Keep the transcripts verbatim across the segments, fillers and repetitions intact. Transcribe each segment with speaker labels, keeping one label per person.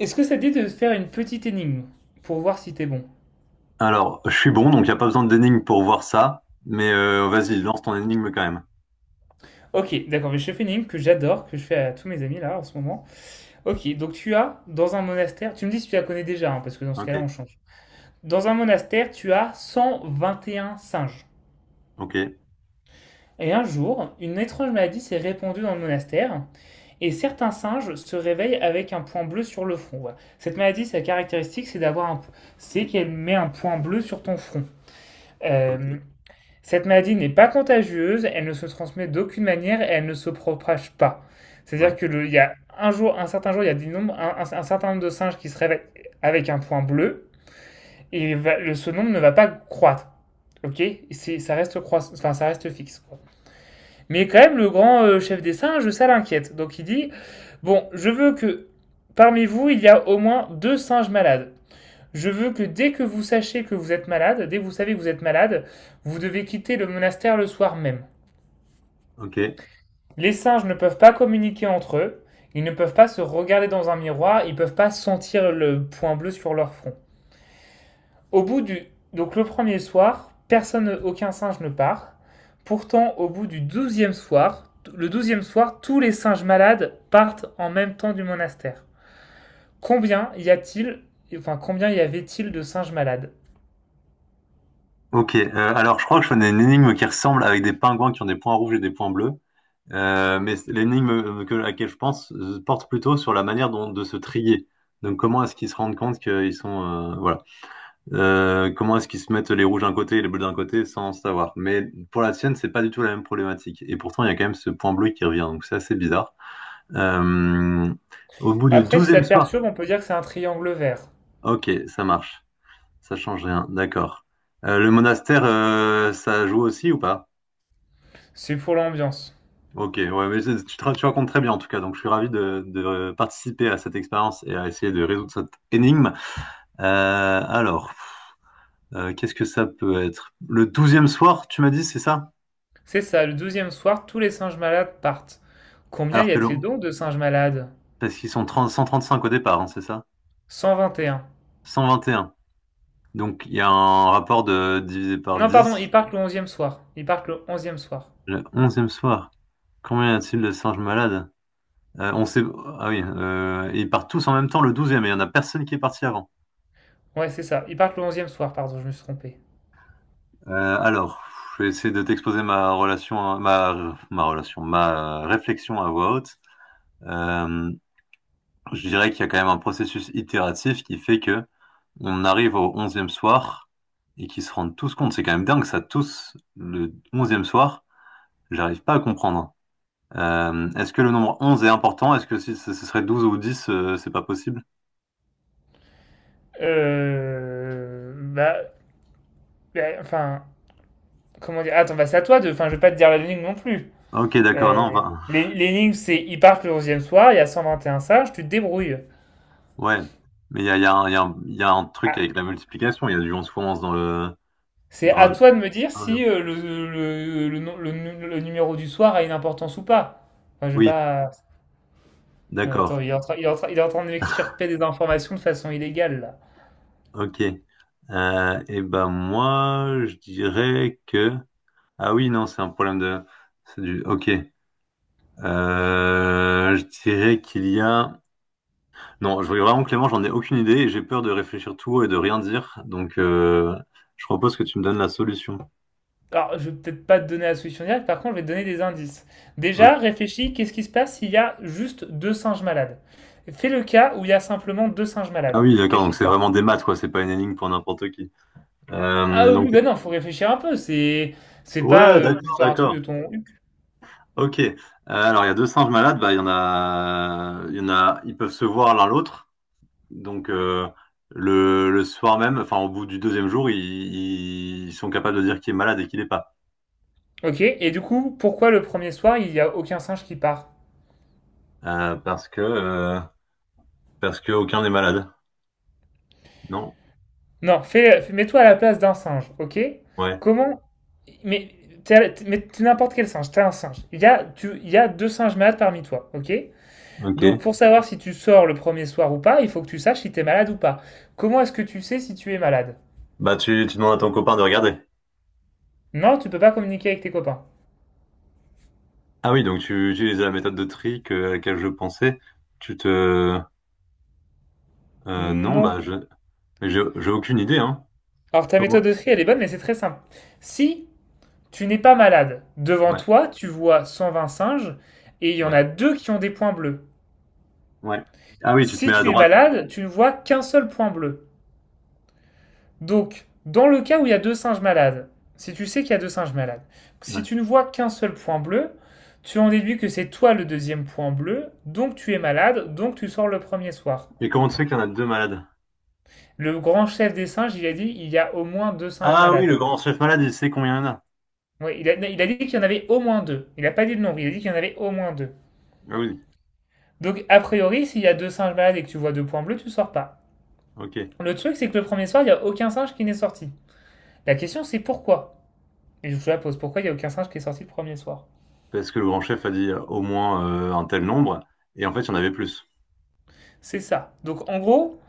Speaker 1: Est-ce que ça te dit de faire une petite énigme pour voir si t'es bon?
Speaker 2: Alors, je suis bon, donc il n'y a pas besoin d'énigme pour voir ça. Mais euh, vas-y, lance ton énigme quand même.
Speaker 1: Ok, d'accord, mais je fais une énigme que j'adore, que je fais à tous mes amis là en ce moment. Ok, donc tu as dans un monastère, tu me dis si tu la connais déjà, hein, parce que dans ce
Speaker 2: Ok,
Speaker 1: cas-là on change. Dans un monastère, tu as cent vingt et un singes.
Speaker 2: ok,
Speaker 1: Et un jour, une étrange maladie s'est répandue dans le monastère, et certains singes se réveillent avec un point bleu sur le front. voilà. Cette maladie, sa caractéristique, c'est d'avoir un, c'est qu'elle met un point bleu sur ton front.
Speaker 2: ok,
Speaker 1: Euh, Cette maladie n'est pas contagieuse, elle ne se transmet d'aucune manière et elle ne se propage pas. C'est-à-dire
Speaker 2: ouais,
Speaker 1: que le, il y a un jour, un certain jour, il y a des nombres- un, un- un certain nombre de singes qui se réveillent avec un point bleu et va- le- ce nombre ne va pas croître. Ok. C'est- ça reste croiss- enfin, ça reste fixe, quoi. Mais quand même, le grand euh, chef des singes, ça l'inquiète. Donc il dit, bon, je veux que parmi vous, il y a au moins deux singes malades. Je veux que dès que vous sachiez que vous êtes malade, dès que vous savez que vous êtes malade, vous devez quitter le monastère le soir même.
Speaker 2: ok,
Speaker 1: Les singes ne peuvent pas communiquer entre eux, ils ne peuvent pas se regarder dans un miroir, ils ne peuvent pas sentir le point bleu sur leur front. Au bout du Donc le premier soir, personne aucun singe ne part. Pourtant au bout du douzième soir, le douzième soir, tous les singes malades partent en même temps du monastère. Combien y a-t-il enfin combien y avait-il de singes malades?
Speaker 2: ok. Euh, alors, je crois que je connais une énigme qui ressemble avec des pingouins qui ont des points rouges et des points bleus. Euh, mais c'est- l'énigme euh, que- à laquelle je pense euh, porte plutôt sur la manière dont, de se trier. Donc, comment est-ce qu'ils se rendent compte qu'ils sont, euh, voilà. Euh, comment est-ce qu'ils se mettent les rouges d'un côté et les bleus d'un côté sans savoir. Mais pour la sienne, c'est pas du tout la même problématique. Et pourtant, il y a quand même ce point bleu qui revient. Donc, c'est assez bizarre. Euh, Au bout du
Speaker 1: Après si
Speaker 2: douzième
Speaker 1: ça te
Speaker 2: soir.
Speaker 1: perturbe, on peut dire que c'est un triangle vert.
Speaker 2: Ok, ça marche. Ça change rien. D'accord. Euh, le monastère, euh, ça joue aussi ou pas?
Speaker 1: C'est pour l'ambiance.
Speaker 2: Ok, ouais, mais c'est- tu, te- tu racontes très bien en tout cas. Donc je suis ravi de, de participer à cette expérience et à essayer de résoudre cette énigme. Euh, alors, euh, qu'est-ce que ça peut être? Le douzième soir, tu m'as dit, c'est ça?
Speaker 1: C'est ça, le douzième soir, tous les singes malades partent. Combien
Speaker 2: Alors
Speaker 1: y
Speaker 2: que le,
Speaker 1: a-t-il donc de singes malades?
Speaker 2: parce qu'ils sont trente cent trente-cinq au départ, hein, c'est ça?
Speaker 1: Cent vingt et un.
Speaker 2: Cent vingt et un. Donc il y a un rapport de divisé par
Speaker 1: Non, pardon,
Speaker 2: dix.
Speaker 1: ils partent le onzième soir. Ils partent le onzième soir.
Speaker 2: Le onzième soir. Combien y a-t-il de singes malades? Euh, on sait. Ah oui, euh, ils partent tous en même temps le douzième, e et il n'y en a personne qui est parti avant.
Speaker 1: Ouais, c'est ça, ils partent le onzième soir, pardon, je me suis trompé.
Speaker 2: Euh, alors, je vais essayer de t'exposer ma relation, à- ma, ma relation, ma euh, réflexion à voix haute. Euh, je dirais qu'il y a quand même un processus itératif qui fait que on arrive au onzième soir et qu'ils se rendent tous compte. C'est quand même dingue ça, tous le onzième soir, j'arrive pas à comprendre. Euh, est-ce que le nombre onze est important? Est-ce que si ce ce serait douze ou dix, euh, c'est pas possible?
Speaker 1: Euh... Bah... bah, Enfin, comment dire? Attends, bah c'est à toi de... Enfin, je vais pas te dire l'énigme non plus.
Speaker 2: Ok, d'accord, non,
Speaker 1: Euh,
Speaker 2: enfin,
Speaker 1: l'é- L'énigme, c'est ils partent le onzième soir, il y a cent vingt et un singes, tu te débrouilles.
Speaker 2: ouais, mais il y a, il y a un, il y a un- il y a un truc
Speaker 1: Ah,
Speaker 2: avec la multiplication, il y a du onze fois onze dans le...
Speaker 1: c'est
Speaker 2: Dans
Speaker 1: à
Speaker 2: le...
Speaker 1: toi de me dire si euh, le, le, le, le- nu- le numéro du soir a une importance ou pas. Enfin, je vais
Speaker 2: Oui,
Speaker 1: pas... Euh, Attends,
Speaker 2: d'accord,
Speaker 1: il est en train, il est en train, il est en train de m'extirper des informations de façon illégale, là.
Speaker 2: ok. Euh, et ben moi, je dirais que... Ah oui, non, c'est un problème de... C'est du... Ok. Euh, je dirais qu'il y a... Non, je voulais vraiment Clément, j'en ai aucune idée et j'ai peur de réfléchir tout haut et de rien dire. Donc, euh, je propose que tu me donnes la solution.
Speaker 1: Alors, je vais peut-être pas te donner la solution directe, par contre, je vais te donner des indices.
Speaker 2: Ok.
Speaker 1: Déjà, réfléchis, qu'est-ce qui se passe s'il y a juste deux singes malades? Fais le cas où il y a simplement deux singes
Speaker 2: Ah
Speaker 1: malades.
Speaker 2: oui, d'accord,
Speaker 1: Qu'est-ce
Speaker 2: donc
Speaker 1: qui se
Speaker 2: c'est
Speaker 1: passe?
Speaker 2: vraiment des maths, quoi, c'est pas une énigme pour n'importe qui.
Speaker 1: Ah
Speaker 2: Euh, donc...
Speaker 1: oui, ben non, faut réfléchir un peu, c'est c'est pas
Speaker 2: Ouais,
Speaker 1: euh, que ce
Speaker 2: d'accord,
Speaker 1: soit un truc
Speaker 2: d'accord.
Speaker 1: de ton...
Speaker 2: Ok. Euh, alors il y a deux singes malades, bah il y en a, il y en a, ils peuvent se voir l'un l'autre. Donc euh, le, le soir même, enfin au bout du deuxième jour, ils, ils sont capables de dire qui est malade et qui l'est pas.
Speaker 1: Ok, et du coup, pourquoi le premier soir, il y a aucun singe qui part?
Speaker 2: Euh, parce que euh, Parce que aucun n'est malade. Non.
Speaker 1: Non, fais, fais- mets-toi à la place d'un singe, ok?
Speaker 2: Ouais.
Speaker 1: Comment... Mais t'es mais t'es n'importe quel singe, t'es un singe. Il y a, tu, il y a deux singes malades parmi toi, ok? Donc
Speaker 2: Ok.
Speaker 1: pour savoir si tu sors le premier soir ou pas, il faut que tu saches si t'es malade ou pas. Comment est-ce que tu sais si tu es malade?
Speaker 2: Bah tu tu demandes à ton copain de regarder.
Speaker 1: Non, tu peux pas communiquer avec tes copains.
Speaker 2: Ah oui, donc tu utilises la méthode de tri que, à laquelle je pensais. Tu te euh, Non, bah,
Speaker 1: Non.
Speaker 2: je mais j'ai j'ai aucune idée, hein.
Speaker 1: Alors ta
Speaker 2: Comment?
Speaker 1: méthode de tri, elle est bonne, mais c'est très simple. Si tu n'es pas malade, devant
Speaker 2: Ouais.
Speaker 1: toi, tu vois cent vingt singes et il y en a
Speaker 2: Ouais.
Speaker 1: deux qui ont des points bleus.
Speaker 2: Ouais. Ah oui, tu te mets
Speaker 1: Si
Speaker 2: à
Speaker 1: tu es
Speaker 2: droite.
Speaker 1: malade, tu ne vois qu'un seul point bleu. Donc, dans le cas où il y a deux singes malades, si tu sais qu'il y a deux singes malades, si tu ne vois qu'un seul point bleu, tu en déduis que c'est toi le deuxième point bleu, donc tu es malade, donc tu sors le premier soir.
Speaker 2: Et comment tu sais qu'il y en a deux malades?
Speaker 1: Le grand chef des singes, il a dit il y a au moins deux singes
Speaker 2: Ah oui, le
Speaker 1: malades.
Speaker 2: grand chef malade, il sait combien il y en a.
Speaker 1: Ouais, il, a, il a dit qu'il y en avait au moins deux. Il n'a pas dit le nombre, il a dit qu'il y en avait au moins deux.
Speaker 2: Ah oui,
Speaker 1: Donc, a priori, s'il y a deux singes malades et que tu vois deux points bleus, tu sors pas.
Speaker 2: ok.
Speaker 1: Le truc, c'est que le premier soir, il n'y a aucun singe qui n'est sorti. La question, c'est pourquoi. Et je vous la pose, pourquoi il n'y a aucun singe qui est sorti le premier soir?
Speaker 2: Parce que le grand chef a dit euh, au moins euh, un tel nombre, et en fait, il y en avait plus.
Speaker 1: C'est ça. Donc en gros,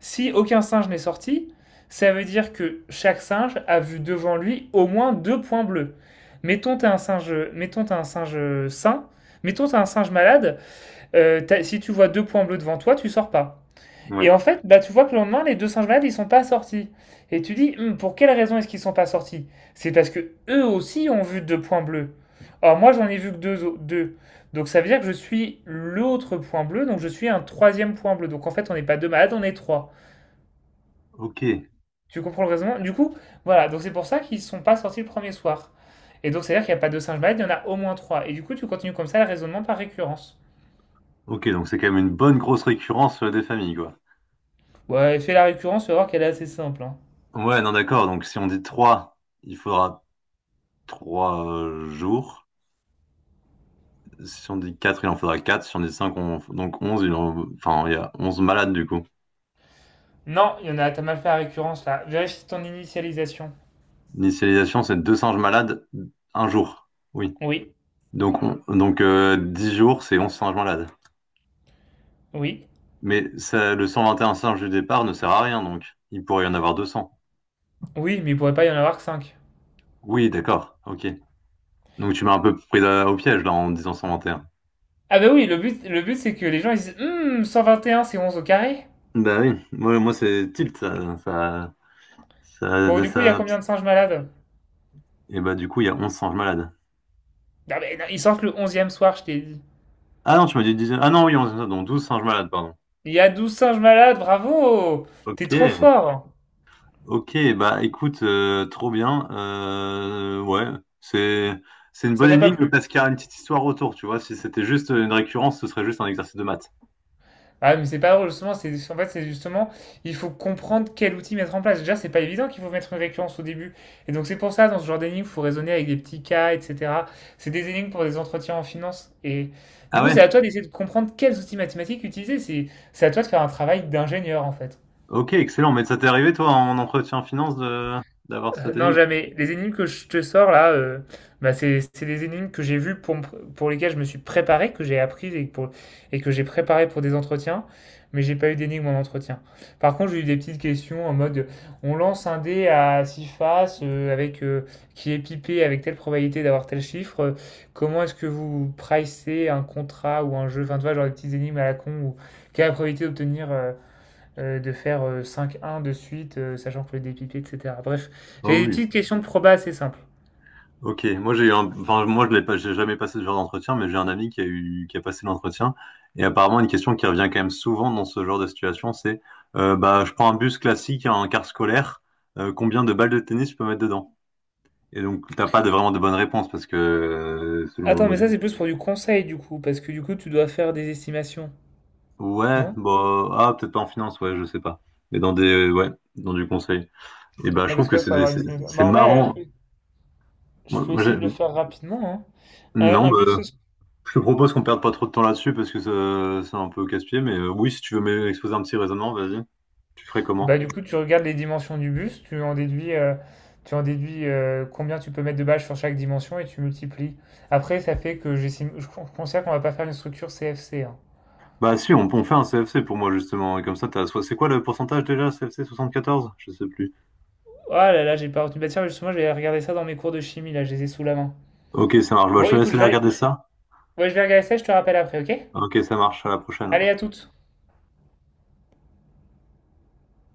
Speaker 1: si aucun singe n'est sorti, ça veut dire que chaque singe a vu devant lui au moins deux points bleus. Mettons t'as un singe, mettons t'as un singe sain, mettons t'as un singe malade. Euh, si tu vois deux points bleus devant toi, tu sors pas.
Speaker 2: Ouais,
Speaker 1: Et en fait, bah, tu vois que le lendemain, les deux singes malades, ils sont pas sortis. Et tu dis, Hum, pour quelle raison est-ce qu'ils sont pas sortis? C'est parce que eux aussi ont vu deux points bleus. Or, moi, j'en ai vu que deux, au- deux. Donc, ça veut dire que je suis l'autre point bleu, donc je suis un troisième point bleu. Donc, en fait, on n'est pas deux malades, on est trois.
Speaker 2: ok.
Speaker 1: Tu comprends le raisonnement? Du coup, voilà. Donc, c'est pour ça qu'ils sont pas sortis le premier soir. Et donc, c'est-à-dire qu'il n'y a pas deux singes malades, il y en a au moins trois. Et du coup, tu continues comme ça le raisonnement par récurrence.
Speaker 2: Ok, donc c'est quand même une bonne grosse récurrence euh, des familles, quoi.
Speaker 1: Ouais, fais la récurrence, tu vas voir qu'elle est assez simple, hein.
Speaker 2: Ouais, non, d'accord. Donc si on dit trois, il faudra trois euh, jours. Si on dit quatre, il en faudra quatre. Si on dit cinq, on... donc onze, il en- enfin, il y a onze malades, du coup.
Speaker 1: Non, il y en a, t'as mal fait la récurrence là. Vérifie ton initialisation.
Speaker 2: L'initialisation, c'est deux singes malades, un jour. Oui.
Speaker 1: Oui,
Speaker 2: Donc, on... donc euh, dix jours, c'est onze singes malades.
Speaker 1: oui,
Speaker 2: Mais ça, le cent vingt et un singe du départ ne sert à rien, donc il pourrait y en avoir deux cents.
Speaker 1: oui, mais il pourrait pas y en avoir que cinq.
Speaker 2: Oui, d'accord, ok. Donc tu m'as un peu pris euh, au piège là en disant cent vingt et un.
Speaker 1: Ah bah oui, le but, le but c'est que les gens ils disent Hum, cent vingt et un, c'est onze au carré.
Speaker 2: Bah oui, moi, moi c'est tilt, ça, ça,
Speaker 1: Bon,
Speaker 2: ça,
Speaker 1: du coup, il y a
Speaker 2: ça-
Speaker 1: combien de singes malades?
Speaker 2: Et bah du coup, il y a onze singes malades.
Speaker 1: Non, mais non, ils sortent le onzième soir, je t'ai dit.
Speaker 2: Ah non, tu m'as dit dix... Ah non, oui, onze, donc douze singes malades, pardon.
Speaker 1: Il y a douze singes malades, bravo. T'es trop
Speaker 2: Ok,
Speaker 1: fort.
Speaker 2: ok, bah écoute, euh, trop bien. Euh, ouais, c'est c'est une
Speaker 1: Ça
Speaker 2: bonne
Speaker 1: t'a pas
Speaker 2: énigme
Speaker 1: plu?
Speaker 2: parce qu'il y a une petite histoire autour, tu vois. Si c'était juste une récurrence, ce serait juste un exercice de maths.
Speaker 1: Ah, mais c'est pas drôle, justement. C'est, en fait, c'est justement, il faut comprendre quel outil mettre en place. Déjà, c'est pas évident qu'il faut mettre une récurrence au début. Et donc, c'est pour ça, dans ce genre d'énigmes, il faut raisonner avec des petits cas, et cetera. C'est des énigmes pour des entretiens en finance. Et du
Speaker 2: Ah
Speaker 1: coup, c'est
Speaker 2: ouais?
Speaker 1: à toi d'essayer de comprendre quels outils mathématiques utiliser. C'est, c'est à toi de faire un travail d'ingénieur, en fait.
Speaker 2: Ok, excellent. Mais ça t'est arrivé, toi, en entretien finance, de d'avoir
Speaker 1: Euh,
Speaker 2: cette
Speaker 1: non,
Speaker 2: énigme?
Speaker 1: jamais. Les énigmes que je te sors là, euh, bah, c'est c'est des énigmes que j'ai vues pour, me pr- pour lesquelles je me suis préparé, que j'ai appris et, pour, et que j'ai préparé pour des entretiens, mais j'ai pas eu d'énigmes en entretien. Par contre, j'ai eu des petites questions en mode on lance un dé à six faces euh, avec, euh, qui est pipé avec telle probabilité d'avoir tel chiffre. Euh, comment est-ce que vous pricez un contrat ou un jeu? Enfin, tu vois, genre des petites énigmes à la con ou quelle est la probabilité d'obtenir euh, euh, de faire euh, cinq un de suite, euh, sachant que le dépipé, et cetera. Bref,
Speaker 2: Ah
Speaker 1: j'ai des
Speaker 2: oui.
Speaker 1: petites questions de proba assez simples.
Speaker 2: Ok, moi j'ai eu un... enfin moi je l'ai pas, j'ai jamais passé ce genre d'entretien, mais j'ai un ami qui a eu, qui a passé l'entretien et apparemment une question qui revient quand même souvent dans ce genre de situation, c'est euh, bah je prends un bus classique, un car scolaire, euh, combien de balles de tennis je peux mettre dedans? Et donc t'as pas de, vraiment de bonne réponse parce que euh, selon le
Speaker 1: Attends, mais
Speaker 2: mode.
Speaker 1: ça, c'est plus pour du conseil, du coup, parce que du coup, tu dois faire des estimations,
Speaker 2: Ouais,
Speaker 1: non?
Speaker 2: bah ah peut-être pas en finance, ouais je sais pas, mais dans des ouais, dans du conseil. Et bah je
Speaker 1: Ah,
Speaker 2: trouve
Speaker 1: parce que
Speaker 2: que
Speaker 1: là,
Speaker 2: c'est
Speaker 1: faut
Speaker 2: des-
Speaker 1: avoir une
Speaker 2: c'est
Speaker 1: estimation.
Speaker 2: c'est
Speaker 1: Bah, en vrai, là, je
Speaker 2: marrant.
Speaker 1: peux, je
Speaker 2: Moi,
Speaker 1: peux
Speaker 2: moi, j'ai-
Speaker 1: essayer de le faire rapidement, hein. Un,
Speaker 2: Non,
Speaker 1: un
Speaker 2: bah,
Speaker 1: bus, ce-
Speaker 2: je te propose qu'on perde pas trop de temps là-dessus parce que ça- c'est un peu casse-pied, mais euh, oui, si tu veux m'exposer un petit raisonnement, vas-y. Tu ferais
Speaker 1: Bah,
Speaker 2: comment?
Speaker 1: du coup, tu regardes les dimensions du bus, tu en déduis, euh, tu en déduis euh, combien tu peux mettre de bâches sur chaque dimension et tu multiplies. Après, ça fait que j'estime, je con- considère qu'on va pas faire une structure C F C.
Speaker 2: Bah si, on, on fait un C F C pour moi justement, et comme ça t'as... soit- C'est quoi le pourcentage déjà, C F C soixante-quatorze? Je sais plus.
Speaker 1: Oh là là, j'ai pas retenu. Bah tiens, justement, je vais regarder ça dans mes cours de chimie, là, je les ai sous la main.
Speaker 2: Ok, ça marche, bah, je
Speaker 1: Bon,
Speaker 2: te laisse
Speaker 1: écoute, je
Speaker 2: aller
Speaker 1: vais,
Speaker 2: regarder ça.
Speaker 1: ouais, je vais regarder ça, je te rappelle après, ok?
Speaker 2: Ok, ça marche, à la prochaine.
Speaker 1: Allez, à toutes!